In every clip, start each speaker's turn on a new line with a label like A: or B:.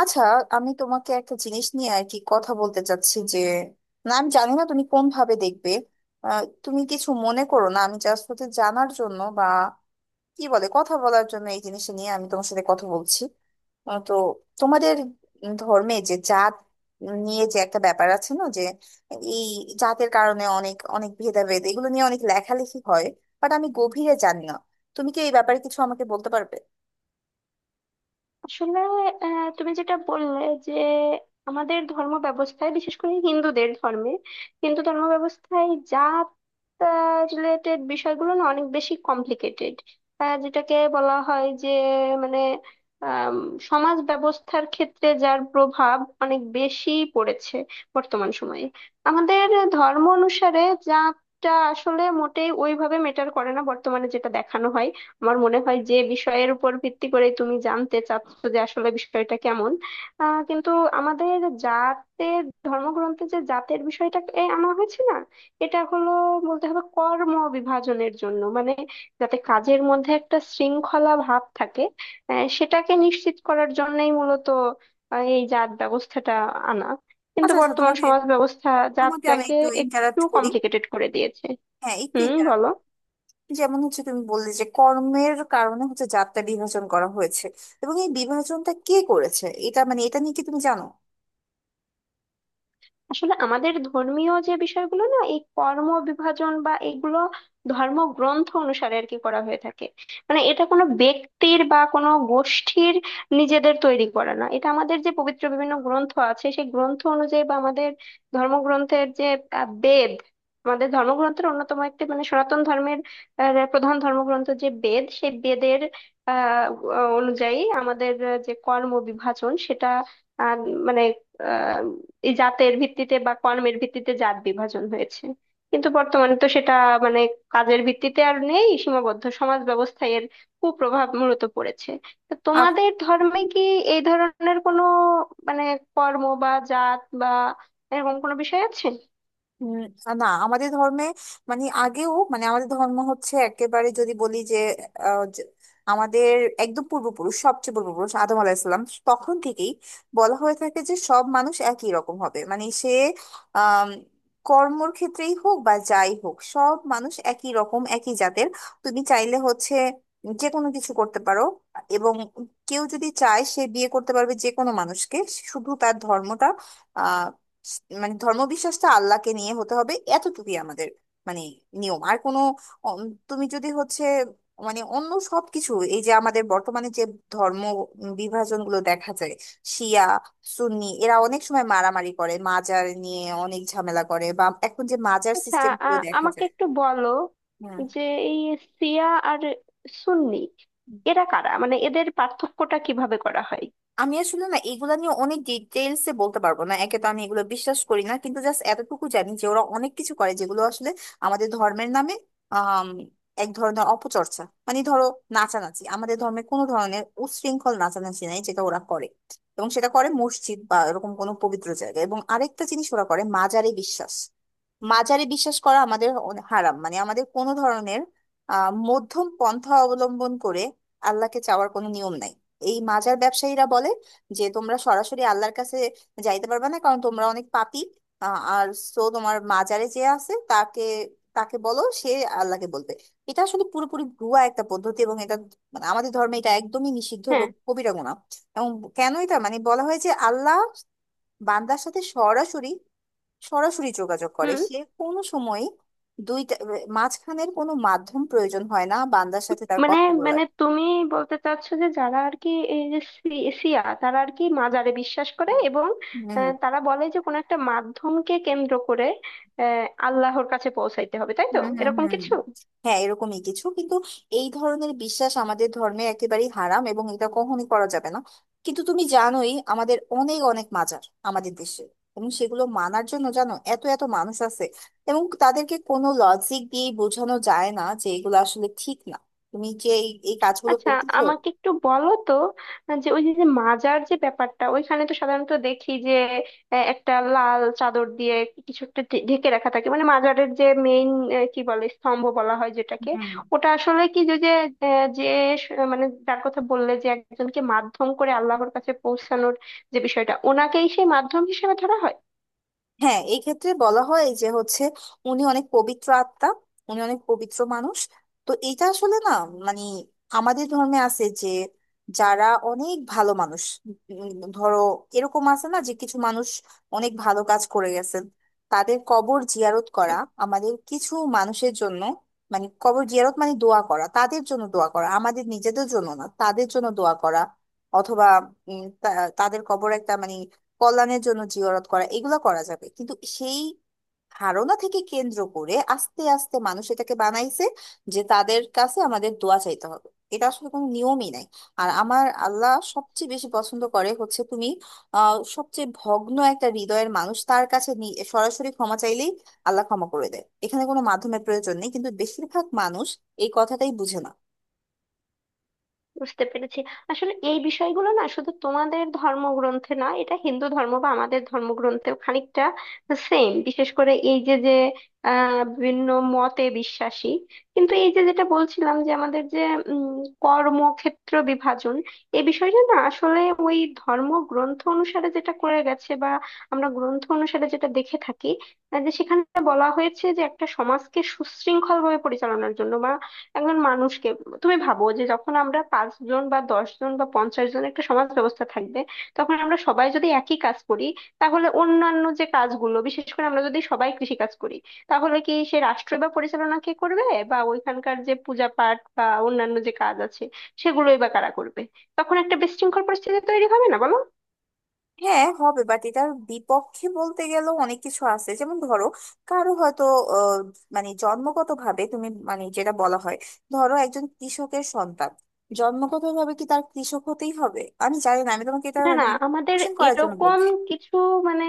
A: আচ্ছা, আমি তোমাকে একটা জিনিস নিয়ে আর কি কথা বলতে চাচ্ছি যে, না আমি জানি না তুমি কোন ভাবে দেখবে। তুমি কিছু মনে করো না, আমি জাস্ট হচ্ছে জানার জন্য বা কি বলে কথা বলার জন্য এই জিনিসটা নিয়ে আমি তোমার সাথে কথা বলছি। তো তোমাদের ধর্মে যে জাত নিয়ে যে একটা ব্যাপার আছে না, যে এই জাতের কারণে অনেক অনেক ভেদাভেদ, এগুলো নিয়ে অনেক লেখালেখি হয়, বাট আমি গভীরে জানি না। তুমি কি এই ব্যাপারে কিছু আমাকে বলতে পারবে?
B: আসলে তুমি যেটা বললে যে আমাদের ধর্ম ব্যবস্থায় বিশেষ করে হিন্দুদের ধর্মে, হিন্দু ধর্ম ব্যবস্থায় জাত রিলেটেড বিষয়গুলো না অনেক বেশি কমপ্লিকেটেড। যেটাকে বলা হয় যে মানে আম, সমাজ ব্যবস্থার ক্ষেত্রে যার প্রভাব অনেক বেশি পড়েছে বর্তমান সময়ে। আমাদের ধর্ম অনুসারে জাতটা আসলে মোটেই ওইভাবে মেটার করে না বর্তমানে যেটা দেখানো হয়। আমার মনে হয় যে বিষয়ের উপর ভিত্তি করে তুমি জানতে চাচ্ছ যে আসলে বিষয়টা কেমন। কিন্তু আমাদের জাতের ধর্মগ্রন্থে যে জাতের বিষয়টা এ আনা হয়েছে না, এটা হলো বলতে হবে কর্ম বিভাজনের জন্য, মানে যাতে কাজের মধ্যে একটা শৃঙ্খলা ভাব থাকে। সেটাকে নিশ্চিত করার জন্যই মূলত এই জাত ব্যবস্থাটা আনা। কিন্তু
A: আচ্ছা আচ্ছা,
B: বর্তমান
A: তোমাকে
B: সমাজ ব্যবস্থা
A: তোমাকে আমি
B: জাতটাকে
A: একটু
B: একটু
A: ইন্টারাপ্ট করি।
B: কমপ্লিকেটেড করে দিয়েছে।
A: হ্যাঁ একটু
B: হুম,
A: এটা,
B: বলো।
A: যেমন হচ্ছে তুমি বললে যে কর্মের কারণে হচ্ছে যাত্রা বিভাজন করা হয়েছে, এবং এই বিভাজনটা কে করেছে, এটা মানে এটা নিয়ে কি তুমি জানো?
B: আসলে আমাদের ধর্মীয় যে বিষয়গুলো না, এই কর্ম বিভাজন বা এগুলো ধর্মগ্রন্থ অনুসারে আর কি করা হয়ে থাকে। মানে এটা কোনো ব্যক্তির বা কোনো গোষ্ঠীর নিজেদের তৈরি করা না, এটা আমাদের যে পবিত্র বিভিন্ন গ্রন্থ আছে সেই গ্রন্থ অনুযায়ী বা আমাদের ধর্মগ্রন্থের যে বেদ। আমাদের ধর্মগ্রন্থের অন্যতম একটি, মানে সনাতন ধর্মের প্রধান ধর্মগ্রন্থ যে বেদ, সেই বেদের আহ অনুযায়ী আমাদের যে কর্ম বিভাজন সেটা আহ, মানে এই জাতের ভিত্তিতে বা কর্মের ভিত্তিতে জাত বিভাজন হয়েছে। কিন্তু বর্তমানে তো সেটা মানে কাজের ভিত্তিতে আর নেই সীমাবদ্ধ, সমাজ ব্যবস্থায় এর কুপ্রভাব মূলত পড়েছে। তো তোমাদের ধর্মে কি এই ধরনের কোনো মানে কর্ম বা জাত বা এরকম কোনো বিষয় আছে?
A: উম, না আমাদের ধর্মে, মানে আগেও, মানে আমাদের ধর্ম হচ্ছে একেবারে যদি বলি যে আহ, যে আমাদের একদম পূর্বপুরুষ, সবচেয়ে পূর্বপুরুষ আদম আলাহিসাল্লাম, তখন থেকেই বলা হয়ে থাকে যে সব মানুষ একই রকম হবে, মানে সে আহ কর্মর ক্ষেত্রেই হোক বা যাই হোক সব মানুষ একই রকম, একই জাতের। তুমি চাইলে হচ্ছে যে কোনো কিছু করতে পারো, এবং কেউ যদি চায় সে বিয়ে করতে পারবে যে কোনো মানুষকে, শুধু তার ধর্মটা মানে ধর্মবিশ্বাসটা আল্লাহকে নিয়ে হতে হবে, এতটুকুই আমাদের মানে নিয়ম, আর কোনো অম, তুমি যদি হচ্ছে, মানে অন্য সবকিছু এই যে আমাদের বর্তমানে যে ধর্ম বিভাজন গুলো দেখা যায়, শিয়া সুন্নি, এরা অনেক সময় মারামারি করে, মাজার নিয়ে অনেক ঝামেলা করে, বা এখন যে মাজার
B: আচ্ছা,
A: সিস্টেম গুলো দেখা
B: আমাকে
A: যায়।
B: একটু বলো
A: হ্যাঁ,
B: যে এই শিয়া আর সুন্নি এরা কারা, মানে এদের পার্থক্যটা কিভাবে করা হয়?
A: আমি আসলে না এগুলা নিয়ে অনেক ডিটেলস এ বলতে পারবো না, একে তো আমি এগুলো বিশ্বাস করি না, কিন্তু জাস্ট এতটুকু জানি যে ওরা অনেক কিছু করে যেগুলো আসলে আমাদের ধর্মের নামে আম, এক ধরনের অপচর্চা। মানে ধরো, নাচানাচি আমাদের ধর্মে কোনো ধরনের উচ্ছৃঙ্খল নাচানাচি নাই, যেটা ওরা করে এবং সেটা করে মসজিদ বা এরকম কোনো পবিত্র জায়গায়। এবং আরেকটা জিনিস ওরা করে, মাজারে বিশ্বাস। মাজারে বিশ্বাস করা আমাদের হারাম, মানে আমাদের কোনো ধরনের মধ্যম পন্থা অবলম্বন করে আল্লাহকে চাওয়ার কোনো নিয়ম নাই। এই মাজার ব্যবসায়ীরা বলে যে তোমরা সরাসরি আল্লাহর কাছে যাইতে পারবে না, কারণ তোমরা অনেক পাপী। আ- আর সো তোমার মাজারে যে আছে তাকে, তাকে বলো, সে আল্লাহকে বলবে। এটা আসলে পুরোপুরি ভুয়া একটা পদ্ধতি, এবং এটা মানে আমাদের ধর্মে এটা একদমই নিষিদ্ধ
B: হ্যাঁ।
A: এবং কবিরা গুনাহ। এবং কেন এটা, মানে বলা হয় যে আল্লাহ বান্দার সাথে সরাসরি সরাসরি যোগাযোগ করে,
B: হুম।
A: সে কোনো সময় দুইটা মাঝখানের কোনো মাধ্যম প্রয়োজন হয় না বান্দার সাথে তার
B: মানে
A: কথা বলার।
B: মানে তুমি বলতে চাচ্ছো যে যারা আর কি এই যে শিয়া তারা আর কি মাজারে বিশ্বাস করে, এবং
A: হম,
B: তারা বলে যে কোনো একটা মাধ্যমকে কেন্দ্র করে আল্লাহর কাছে পৌঁছাইতে হবে, তাই
A: হুম
B: তো?
A: হুম
B: এরকম
A: হুম
B: কিছু।
A: হ্যাঁ এরকমই কিছু, কিন্তু এই ধরনের বিশ্বাস আমাদের ধর্মে একেবারেই হারাম এবং এটা কখনই করা যাবে না। কিন্তু তুমি জানোই আমাদের অনেক অনেক মাজার আমাদের দেশে, এবং সেগুলো মানার জন্য জানো এত এত মানুষ আছে, এবং তাদেরকে কোনো লজিক দিয়ে বোঝানো যায় না যে এগুলো আসলে ঠিক না, তুমি যে এই এই কাজগুলো
B: আচ্ছা,
A: করতেছো।
B: আমাকে একটু বলো তো যে ওই যে যে মাজার যে ব্যাপারটা, ওইখানে তো সাধারণত দেখি যে একটা লাল চাদর দিয়ে কিছু একটা ঢেকে রাখা থাকে, মানে মাজারের যে মেইন কি বলে স্তম্ভ বলা হয় যেটাকে। ওটা আসলে কি, যে যে যে মানে যার কথা বললে যে একজনকে মাধ্যম করে আল্লাহর কাছে পৌঁছানোর যে বিষয়টা, ওনাকেই সেই মাধ্যম হিসেবে ধরা হয়?
A: হ্যাঁ এই ক্ষেত্রে বলা হয় যে হচ্ছে উনি অনেক পবিত্র আত্মা, উনি অনেক পবিত্র মানুষ। তো এটা আসলে না, মানে আমাদের ধর্মে আছে যে যারা অনেক ভালো মানুষ, উম, ধরো এরকম আছে না যে কিছু মানুষ অনেক ভালো কাজ করে গেছেন, তাদের কবর জিয়ারত করা আমাদের কিছু মানুষের জন্য, মানে কবর জিয়ারত মানে দোয়া করা, তাদের জন্য দোয়া করা, আমাদের নিজেদের জন্য না, তাদের জন্য দোয়া করা, অথবা তাদের কবর একটা মানে কল্যাণের জন্য জিয়ারত করা, এগুলা করা যাবে। কিন্তু সেই ধারণা থেকে কেন্দ্র করে আস্তে আস্তে মানুষ এটাকে বানাইছে যে তাদের কাছে আমাদের দোয়া চাইতে হবে, এটা আসলে কোনো নিয়মই নাই। আর আমার আল্লাহ সবচেয়ে বেশি পছন্দ করে হচ্ছে তুমি সবচেয়ে ভগ্ন একটা হৃদয়ের মানুষ তার কাছে সরাসরি ক্ষমা চাইলেই আল্লাহ ক্ষমা করে দেয়, এখানে কোনো মাধ্যমের প্রয়োজন নেই, কিন্তু বেশিরভাগ মানুষ এই কথাটাই বুঝে না।
B: বুঝতে পেরেছি। আসলে এই বিষয়গুলো না শুধু তোমাদের ধর্মগ্রন্থে না, এটা হিন্দু ধর্ম বা আমাদের ধর্মগ্রন্থেও খানিকটা সেম, বিশেষ করে এই যে যে বিভিন্ন মতে বিশ্বাসী। কিন্তু এই যে যেটা বলছিলাম যে আমাদের যে উম, কর্মক্ষেত্র বিভাজন, এই বিষয়টা না আসলে ওই ধর্মগ্রন্থ অনুসারে যেটা করে গেছে বা আমরা গ্রন্থ অনুসারে যেটা দেখে থাকি, যে সেখানে বলা হয়েছে যে একটা সমাজকে সুশৃঙ্খল ভাবে পরিচালনার জন্য বা একজন মানুষকে। তুমি ভাবো যে যখন আমরা পাঁচ জন বা 10 জন বা 50 জন একটা সমাজ ব্যবস্থা থাকবে, তখন আমরা সবাই যদি একই কাজ করি, তাহলে অন্যান্য যে কাজগুলো, বিশেষ করে আমরা যদি সবাই কৃষি কাজ করি, তাহলে কি সে রাষ্ট্র বা পরিচালনা কে করবে? বা ওইখানকার যে পূজা পাঠ বা অন্যান্য যে কাজ আছে সেগুলোই বা কারা করবে? তখন একটা বিশৃঙ্খল পরিস্থিতি তৈরি হবে না, বলো?
A: হ্যাঁ হবে, বাট এটার বিপক্ষে বলতে গেলেও অনেক কিছু আছে। যেমন ধরো, কারো হয়তো আহ, মানে জন্মগত ভাবে তুমি মানে যেটা বলা হয়, ধরো একজন কৃষকের সন্তান, জন্মগত ভাবে কি তার কৃষক হতেই হবে? আমি জানি না, আমি তোমাকে এটা
B: না,
A: মানে
B: না। আমাদের
A: কোশ্চেন করার জন্য
B: এরকম
A: বলছি।
B: কিছু, মানে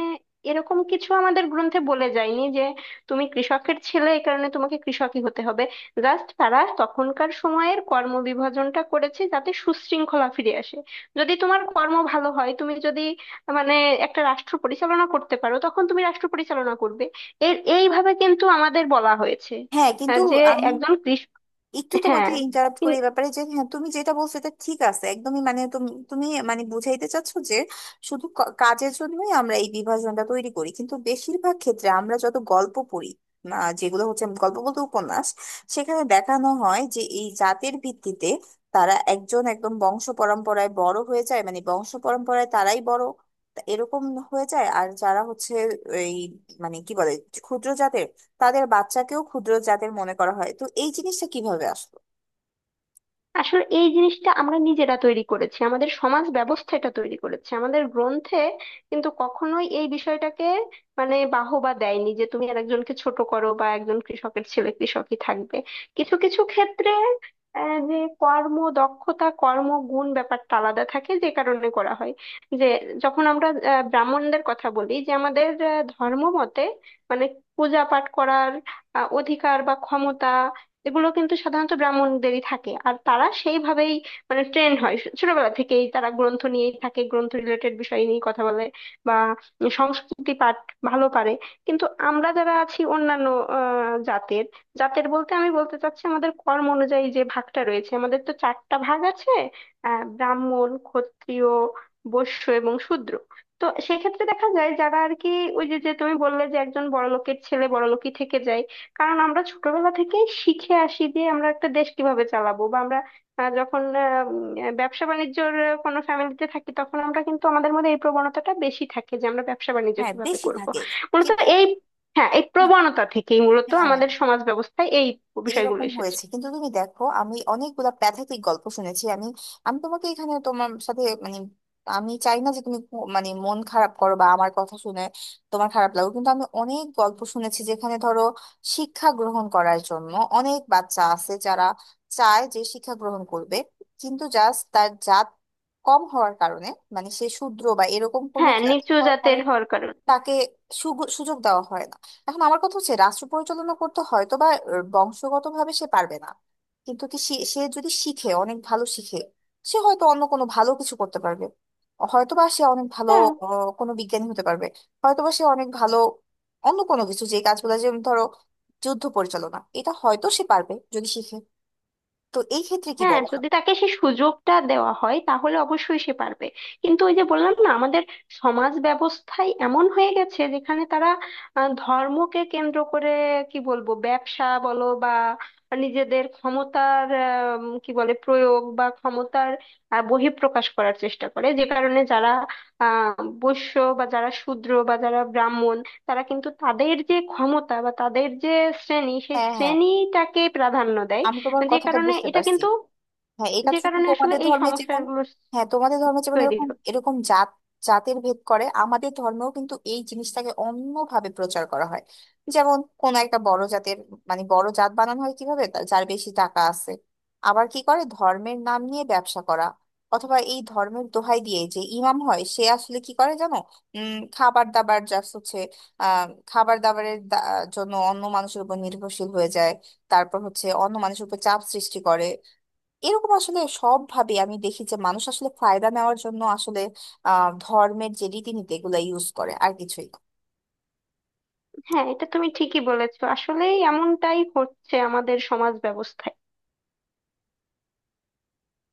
B: এরকম কিছু আমাদের গ্রন্থে বলে যায়নি যে তুমি কৃষকের ছেলে এই কারণে তোমাকে কৃষকই হতে হবে। জাস্ট তারা তখনকার সময়ের কর্ম বিভাজনটা করেছে যাতে সুশৃঙ্খলা ফিরে আসে। যদি তোমার কর্ম ভালো হয়, তুমি যদি মানে একটা রাষ্ট্র পরিচালনা করতে পারো তখন তুমি রাষ্ট্র পরিচালনা করবে। এইভাবে কিন্তু আমাদের বলা হয়েছে
A: হ্যাঁ কিন্তু
B: যে
A: আমি
B: একজন কৃষ।
A: একটু তোমাকে
B: হ্যাঁ,
A: ইন্টারাপ্ট করি এই ব্যাপারে যে, হ্যাঁ তুমি যেটা বলছো এটা ঠিক আছে একদমই, মানে তুমি তুমি মানে বুঝাইতে চাচ্ছো যে শুধু কাজের জন্যই আমরা এই বিভাজনটা তৈরি করি। কিন্তু বেশিরভাগ ক্ষেত্রে আমরা যত গল্প পড়ি, যেগুলো হচ্ছে গল্প বলতে উপন্যাস, সেখানে দেখানো হয় যে এই জাতের ভিত্তিতে তারা একজন একদম বংশ পরম্পরায় বড় হয়ে যায়, মানে বংশ পরম্পরায় তারাই বড় তা এরকম হয়ে যায়। আর যারা হচ্ছে এই মানে কি বলে ক্ষুদ্র জাতের, তাদের বাচ্চাকেও ক্ষুদ্র জাতের মনে করা হয়। তো এই জিনিসটা কিভাবে আসলো?
B: আসলে এই জিনিসটা আমরা নিজেরা তৈরি করেছি, আমাদের সমাজ ব্যবস্থা এটা তৈরি করেছে। আমাদের গ্রন্থে কিন্তু কখনোই এই বিষয়টাকে মানে বাহবা দেয়নি যে তুমি আর একজনকে ছোট করো বা একজন কৃষকের ছেলে কৃষকই থাকবে। কিছু কিছু ক্ষেত্রে যে কর্ম দক্ষতা, কর্ম গুণ ব্যাপারটা আলাদা থাকে, যে কারণে করা হয় যে যখন আমরা ব্রাহ্মণদের কথা বলি যে আমাদের ধর্ম মতে, মানে পূজা পাঠ করার অধিকার বা ক্ষমতা, এগুলো কিন্তু সাধারণত ব্রাহ্মণদেরই থাকে। আর তারা সেইভাবেই মানে ট্রেন হয়, ছোটবেলা থেকেই তারা গ্রন্থ নিয়েই থাকে, গ্রন্থ রিলেটেড বিষয় নিয়ে কথা বলে বা সংস্কৃতি পাঠ ভালো পারে। কিন্তু আমরা যারা আছি অন্যান্য জাতের। জাতের বলতে আমি বলতে চাচ্ছি আমাদের কর্ম অনুযায়ী যে ভাগটা রয়েছে। আমাদের তো চারটা ভাগ আছে, ব্রাহ্মণ, ক্ষত্রিয়, বৈশ্য এবং শূদ্র। তো সেক্ষেত্রে দেখা যায় যারা আর কি ওই যে যে তুমি বললে যে একজন বড়লোকের ছেলে বড়লোকই থেকে যায়, কারণ আমরা ছোটবেলা থেকে শিখে আসি যে আমরা একটা দেশ কিভাবে চালাবো। বা আমরা যখন ব্যবসা বাণিজ্যর কোনো ফ্যামিলিতে থাকি, তখন আমরা কিন্তু আমাদের মধ্যে এই প্রবণতাটা বেশি থাকে যে আমরা ব্যবসা বাণিজ্য
A: হ্যাঁ
B: কিভাবে
A: দেশি
B: করব।
A: থাকে।
B: মূলত
A: ঠিক ঠিক।
B: এই, হ্যাঁ, এই প্রবণতা থেকেই মূলত
A: হ্যাঁ
B: আমাদের সমাজ ব্যবস্থায় এই বিষয়গুলো
A: এইরকম
B: এসেছে।
A: হয়েছে, কিন্তু তুমি দেখো আমি অনেকগুলা প্যাথেটিক গল্প শুনেছি। আমি আমি তোমাকে এখানে তোমার সাথে মানে, আমি চাই না যে তুমি মানে মন খারাপ করো বা আমার কথা শুনে তোমার খারাপ লাগো, কিন্তু আমি অনেক গল্প শুনেছি যেখানে ধরো শিক্ষা গ্রহণ করার জন্য অনেক বাচ্চা আছে যারা চায় যে শিক্ষা গ্রহণ করবে, কিন্তু জাস্ট তার জাত কম হওয়ার কারণে, মানে সে শূদ্র বা এরকম কোনো
B: হ্যাঁ,
A: জাত
B: নিচু
A: হওয়ার
B: জাতের
A: কারণে,
B: হওয়ার কারণে।
A: তাকে সুযোগ দেওয়া হয় না। এখন আমার কথা হচ্ছে রাষ্ট্র পরিচালনা করতে হয়তো বা বংশগতভাবে সে পারবে না, কিন্তু কি সে, সে যদি শিখে, অনেক ভালো শিখে, সে হয়তো অন্য কোনো ভালো কিছু করতে পারবে। হয়তোবা সে অনেক ভালো
B: হ্যাঁ,
A: কোনো বিজ্ঞানী হতে পারবে, হয়তোবা সে অনেক ভালো অন্য কোনো কিছু, যে কাজগুলো যেমন ধরো যুদ্ধ পরিচালনা, এটা হয়তো সে পারবে যদি শিখে। তো এই ক্ষেত্রে কি
B: হ্যাঁ।
A: বলা হয়?
B: যদি তাকে সেই সুযোগটা দেওয়া হয় তাহলে অবশ্যই সে পারবে। কিন্তু ওই যে বললাম না, আমাদের সমাজ ব্যবস্থায় এমন হয়ে গেছে যেখানে তারা ধর্মকে কেন্দ্র করে কি বলবো ব্যবসা বলো বা নিজেদের ক্ষমতার কি বলে প্রয়োগ বা ক্ষমতার বহিঃপ্রকাশ করার চেষ্টা করে, যে কারণে যারা বৈশ্য বা যারা শূদ্র বা যারা ব্রাহ্মণ, তারা কিন্তু তাদের যে ক্ষমতা বা তাদের যে শ্রেণী, সেই
A: হ্যাঁ হ্যাঁ,
B: শ্রেণীটাকে প্রাধান্য দেয়।
A: আমি তোমার
B: যে
A: কথাটা
B: কারণে
A: বুঝতে
B: এটা
A: পারছি।
B: কিন্তু,
A: হ্যাঁ এটা
B: যে
A: শুধু
B: কারণে আসলে
A: তোমাদের
B: এই
A: ধর্মে যেমন,
B: সমস্যাগুলো
A: হ্যাঁ তোমাদের ধর্মে যেমন
B: তৈরি
A: এরকম
B: হচ্ছে।
A: এরকম জাত জাতের ভেদ করে, আমাদের ধর্মেও কিন্তু এই জিনিসটাকে অন্যভাবে প্রচার করা হয়। যেমন কোন একটা বড় জাতের, মানে বড় জাত বানানো হয় কিভাবে, যার বেশি টাকা আছে, আবার কি করে ধর্মের নাম নিয়ে ব্যবসা করা, অথবা এই ধর্মের দোহাই দিয়ে যে ইমাম হয় সে আসলে কি করে জানো, খাবার দাবার জাস্ট হচ্ছে খাবার দাবারের জন্য অন্য মানুষের উপর নির্ভরশীল হয়ে যায়, তারপর হচ্ছে অন্য মানুষের উপর চাপ সৃষ্টি করে। এরকম আসলে সব ভাবে আমি দেখি যে মানুষ আসলে ফায়দা নেওয়ার জন্য আসলে ধর্মের যে রীতিনীতি এগুলা ইউজ করে, আর কিছুই না।
B: হ্যাঁ, এটা তুমি ঠিকই বলেছো, আসলে এমনটাই হচ্ছে আমাদের সমাজ ব্যবস্থায়।